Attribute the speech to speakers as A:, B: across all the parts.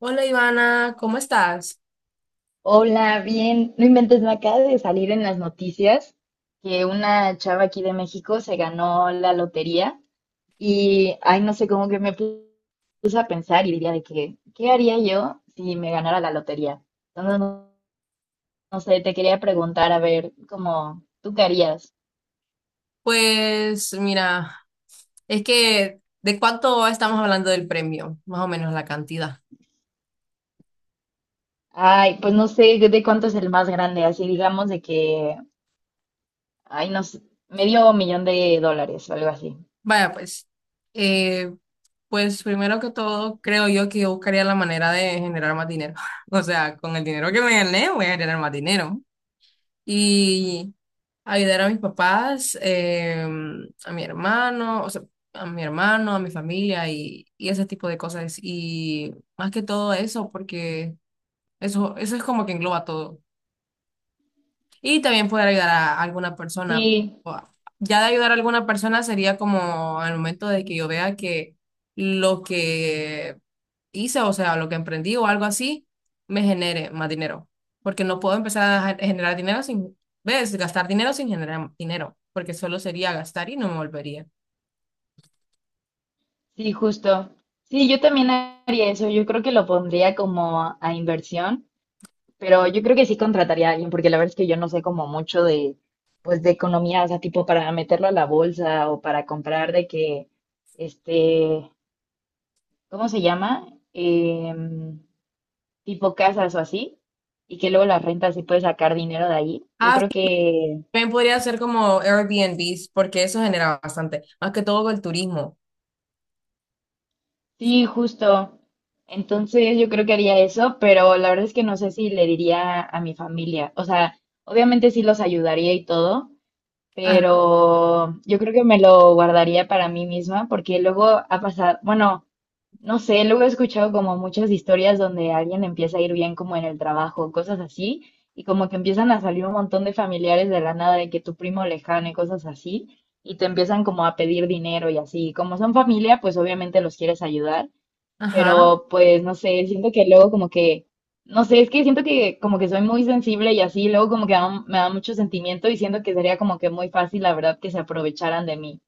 A: Hola Ivana, ¿cómo estás?
B: Hola, bien. No inventes, me acaba de salir en las noticias que una chava aquí de México se ganó la lotería y, ay, no sé, cómo que me puse a pensar y diría de que, ¿qué haría yo si me ganara la lotería? Entonces, no, no sé, te quería preguntar, a ver, como, ¿tú qué harías?
A: Pues mira, es que ¿de cuánto estamos hablando del premio? Más o menos la cantidad.
B: Ay, pues no sé de cuánto es el más grande, así digamos de que, ay, no sé, medio millón de dólares o algo así.
A: Vaya, pues, eh, pues primero que todo, creo yo que yo buscaría la manera de generar más dinero. O sea, con el dinero que me gané, voy a generar más dinero. Y ayudar a mis papás, a mi hermano, o sea, a mi hermano, a mi familia y ese tipo de cosas. Y más que todo eso, porque... Eso es como que engloba todo. Y también poder ayudar a alguna persona.
B: Sí.
A: O a- Ya de ayudar a alguna persona sería como al momento de que yo vea que lo que hice, o sea, lo que emprendí o algo así, me genere más dinero. Porque no puedo empezar a generar dinero sin, ¿ves? Gastar dinero sin generar dinero, porque solo sería gastar y no me volvería.
B: Sí, justo. Sí, yo también haría eso. Yo creo que lo pondría como a inversión, pero yo creo que sí contrataría a alguien, porque la verdad es que yo no sé como mucho de, pues, de economía, o sea, tipo para meterlo a la bolsa o para comprar de que, este, ¿cómo se llama? Em, tipo casas o así, y que luego las rentas sí puedes sacar dinero de ahí. Yo
A: Ah,
B: creo
A: sí,
B: que.
A: también podría ser como Airbnbs, porque eso genera bastante, más que todo con el turismo.
B: Sí, justo. Entonces yo creo que haría eso, pero la verdad es que no sé si le diría a mi familia. O sea, obviamente sí los ayudaría y todo,
A: Ajá.
B: pero yo creo que me lo guardaría para mí misma porque luego ha pasado, bueno, no sé, luego he escuchado como muchas historias donde alguien empieza a ir bien como en el trabajo, cosas así, y como que empiezan a salir un montón de familiares de la nada, de que tu primo lejano y cosas así, y te empiezan como a pedir dinero y así. Como son familia, pues obviamente los quieres ayudar.
A: Ajá.
B: Pero pues no sé, siento que luego como que, no sé, es que siento que como que soy muy sensible y así, luego como que me da mucho sentimiento y siento que sería como que muy fácil, la verdad, que se aprovecharan de mí.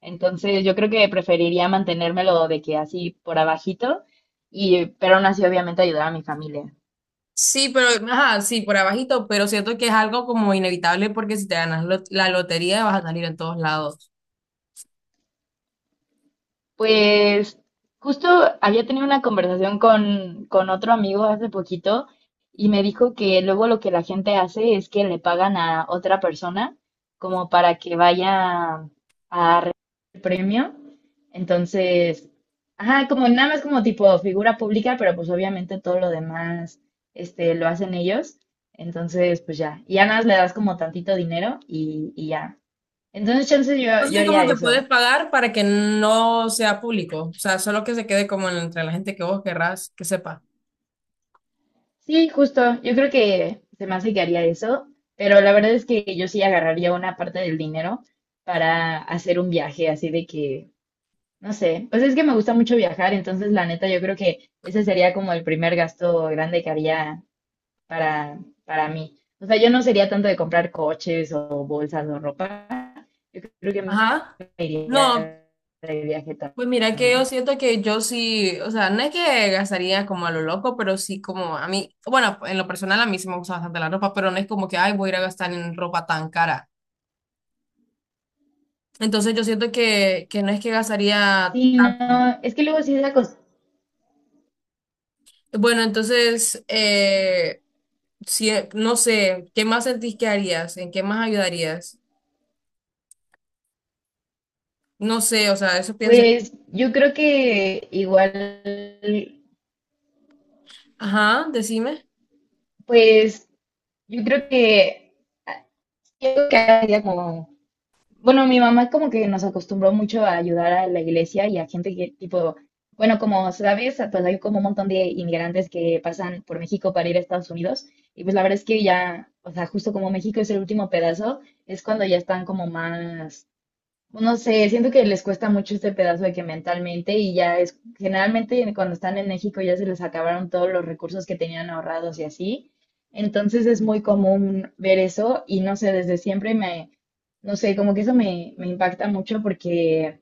B: Entonces yo creo que preferiría mantenérmelo de que así por abajito y, pero aún así obviamente ayudar a mi familia.
A: Sí, pero, ajá, sí, por abajito, pero siento que es algo como inevitable porque si te ganas la lotería vas a salir en todos lados.
B: Pues justo había tenido una conversación con otro amigo hace poquito y me dijo que luego lo que la gente hace es que le pagan a otra persona como para que vaya a recibir el premio. Entonces, ajá, como nada más como tipo figura pública, pero pues obviamente todo lo demás, este, lo hacen ellos. Entonces, pues ya, y ya nada más le das como tantito dinero y ya. Entonces, chance yo
A: Entonces,
B: haría
A: como que puedes
B: eso.
A: pagar para que no sea público, o sea, solo que se quede como entre la gente que vos querrás que sepa.
B: Sí, justo. Yo creo que se me hace que haría eso, pero la verdad es que yo sí agarraría una parte del dinero para hacer un viaje así de que, no sé, pues es que me gusta mucho viajar, entonces la neta yo creo que ese sería como el primer gasto grande que haría para, para mí. O sea, yo no sería tanto de comprar coches o bolsas o ropa, creo que
A: Ajá.
B: me
A: No,
B: iría de viaje
A: pues mira que yo
B: también.
A: siento que yo sí, o sea, no es que gastaría como a lo loco, pero sí como a mí, bueno, en lo personal a mí sí me gusta bastante la ropa, pero no es como que, ay, voy a ir a gastar en ropa tan cara. Entonces yo siento que no es que gastaría
B: Sí,
A: tanto.
B: no, es que luego sí es la cosa.
A: Bueno, entonces, si, no sé, ¿qué más sentís que harías? ¿En qué más ayudarías? No sé, o sea, eso pienso.
B: Pues yo creo que igual.
A: Ajá, decime.
B: Pues yo creo que, ah, yo creo que ahora sería como, bueno, mi mamá como que nos acostumbró mucho a ayudar a la iglesia y a gente que tipo, bueno, como sabes, pues hay como un montón de inmigrantes que pasan por México para ir a Estados Unidos y pues la verdad es que ya, o sea, justo como México es el último pedazo, es cuando ya están como más. No sé, siento que les cuesta mucho este pedazo de que mentalmente y ya es, generalmente cuando están en México ya se les acabaron todos los recursos que tenían ahorrados y así. Entonces es muy común ver eso y no sé, desde siempre me, no sé, como que eso me impacta mucho porque,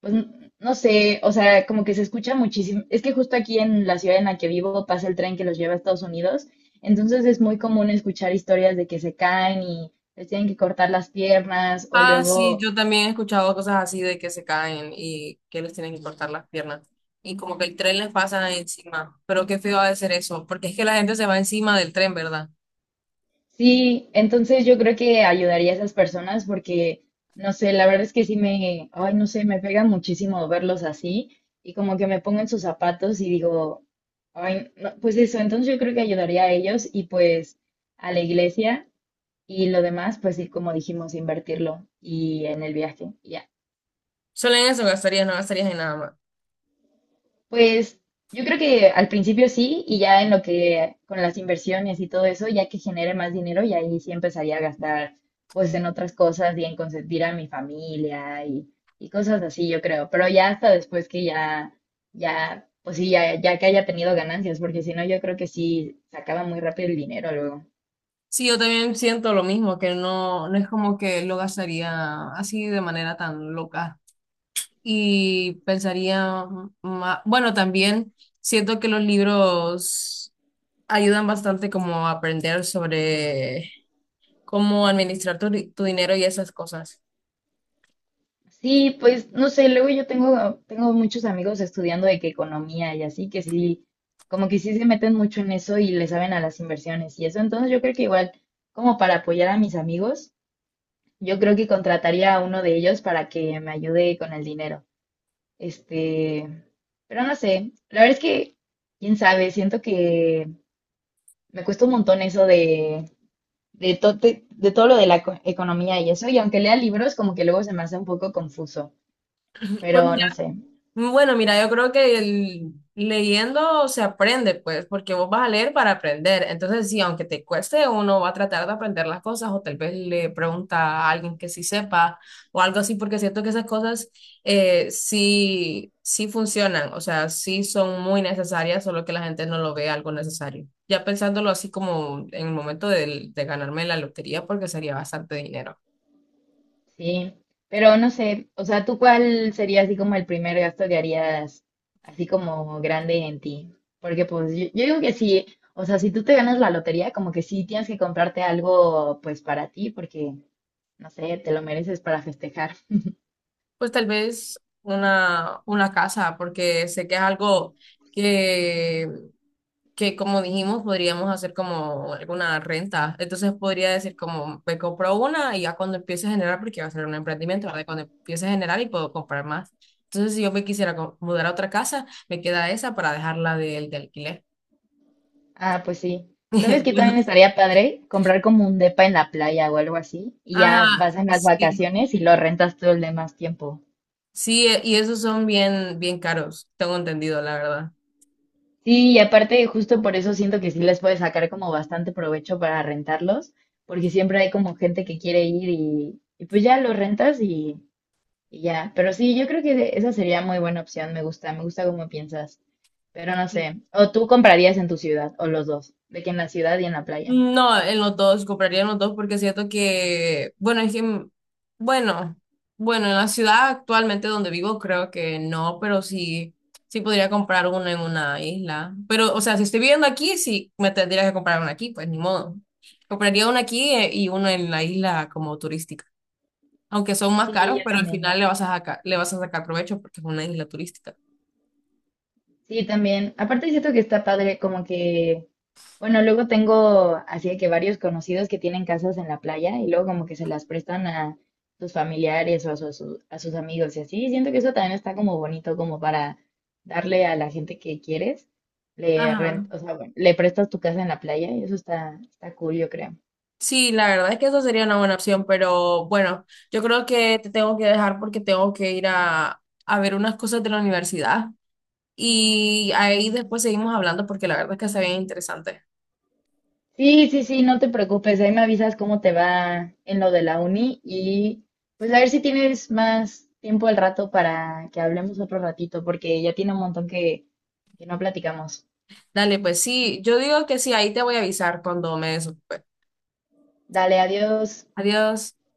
B: pues, no sé, o sea, como que se escucha muchísimo. Es que justo aquí en la ciudad en la que vivo pasa el tren que los lleva a Estados Unidos, entonces es muy común escuchar historias de que se caen y les tienen que cortar las piernas o
A: Ah, sí,
B: luego.
A: yo también he escuchado cosas así de que se caen y que les tienen que cortar las piernas. Y como que el tren les pasa encima. Pero qué feo ha de ser eso, porque es que la gente se va encima del tren, ¿verdad?
B: Sí, entonces yo creo que ayudaría a esas personas porque, no sé, la verdad es que sí me, ay, no sé, me pega muchísimo verlos así y como que me pongo en sus zapatos y digo, ay, no, pues eso, entonces yo creo que ayudaría a ellos y pues a la iglesia y lo demás, pues sí, como dijimos, invertirlo y en el viaje. Ya.
A: Solo en eso gastarías, no gastarías en nada más.
B: Pues yo creo que al principio sí, y ya en lo que con las inversiones y todo eso, ya que genere más dinero, y ahí sí empezaría a gastar pues en otras cosas y en consentir a mi familia y cosas así, yo creo. Pero ya hasta después que ya, ya, pues sí, ya, ya que haya tenido ganancias, porque si no, yo creo que sí se acaba muy rápido el dinero luego.
A: Sí, yo también siento lo mismo, que no, no es como que lo gastaría así de manera tan loca. Y pensaría, bueno, también siento que los libros ayudan bastante como a aprender sobre cómo administrar tu dinero y esas cosas.
B: Sí, pues no sé, luego yo tengo muchos amigos estudiando de que economía y así, que sí, como que sí se meten mucho en eso y le saben a las inversiones y eso. Entonces yo creo que igual, como para apoyar a mis amigos, yo creo que contrataría a uno de ellos para que me ayude con el dinero. Este, pero no sé, la verdad es que, quién sabe, siento que me cuesta un montón eso de todo lo de la economía y eso, y aunque lea libros, como que luego se me hace un poco confuso,
A: Pues
B: pero no sé.
A: bueno, mira, yo creo que leyendo se aprende, pues, porque vos vas a leer para aprender. Entonces, sí, aunque te cueste, uno va a tratar de aprender las cosas o tal vez le pregunta a alguien que sí sepa o algo así, porque siento que esas cosas, sí, sí funcionan, o sea, sí son muy necesarias, solo que la gente no lo ve algo necesario. Ya pensándolo así como en el momento de ganarme la lotería, porque sería bastante dinero.
B: Sí, pero no sé, o sea, ¿tú cuál sería así como el primer gasto que harías así como grande en ti? Porque pues yo digo que sí, o sea, si tú te ganas la lotería, como que sí tienes que comprarte algo pues para ti, porque no sé, te lo mereces para festejar.
A: Pues tal vez una casa, porque sé que es algo que, que, como dijimos, podríamos hacer como alguna renta. Entonces podría decir como, me compro una y ya cuando empiece a generar, porque va a ser un emprendimiento, ¿verdad? Cuando empiece a generar y puedo comprar más. Entonces, si yo me quisiera mudar a otra casa, me queda esa para dejarla del de alquiler.
B: Ah, pues sí. ¿Sabes que también estaría padre? Comprar como un depa en la playa o algo así, y ya
A: Ajá,
B: vas en las
A: sí,
B: vacaciones y lo rentas todo el demás tiempo.
A: sí, y esos son bien, bien caros, tengo entendido, la verdad.
B: Sí, y aparte justo por eso siento que sí les puede sacar como bastante provecho para rentarlos, porque siempre hay como gente que quiere ir y pues ya lo rentas y ya. Pero sí, yo creo que esa sería muy buena opción, me gusta cómo piensas, pero no sé. O tú comprarías en tu ciudad, o los dos, de que en la ciudad y en la playa.
A: No, en los dos, compraría en los dos porque siento que, bueno, es que, bueno, bueno, en la ciudad actualmente donde vivo creo que no, pero sí, sí podría comprar uno en una isla. Pero, o sea, si estoy viviendo aquí, sí me tendría que comprar uno aquí, pues ni modo. Compraría uno aquí, y uno en la isla como turística. Aunque son más
B: Sí,
A: caros,
B: yo
A: pero al
B: también.
A: final le vas a sacar, le vas a sacar provecho porque es una isla turística.
B: Sí, también. Aparte siento que está padre, como que, bueno, luego tengo así de que varios conocidos que tienen casas en la playa y luego como que se las prestan a sus familiares o a sus amigos y así. Siento que eso también está como bonito, como para darle a la gente que quieres, le rent,
A: Ajá.
B: o sea, bueno, le prestas tu casa en la playa y eso está, está cool, yo creo.
A: Sí, la verdad es que eso sería una buena opción, pero bueno, yo creo que te tengo que dejar porque tengo que ir a ver unas cosas de la universidad y ahí después seguimos hablando porque la verdad es que está bien interesante.
B: Sí, sí, sí, no te preocupes, ahí me avisas cómo te va en lo de la uni y pues a ver si tienes más tiempo al rato para que hablemos otro ratito, porque ya tiene un montón que no platicamos.
A: Dale, pues sí, yo digo que sí, ahí te voy a avisar cuando me desocupe.
B: Dale, adiós.
A: Adiós.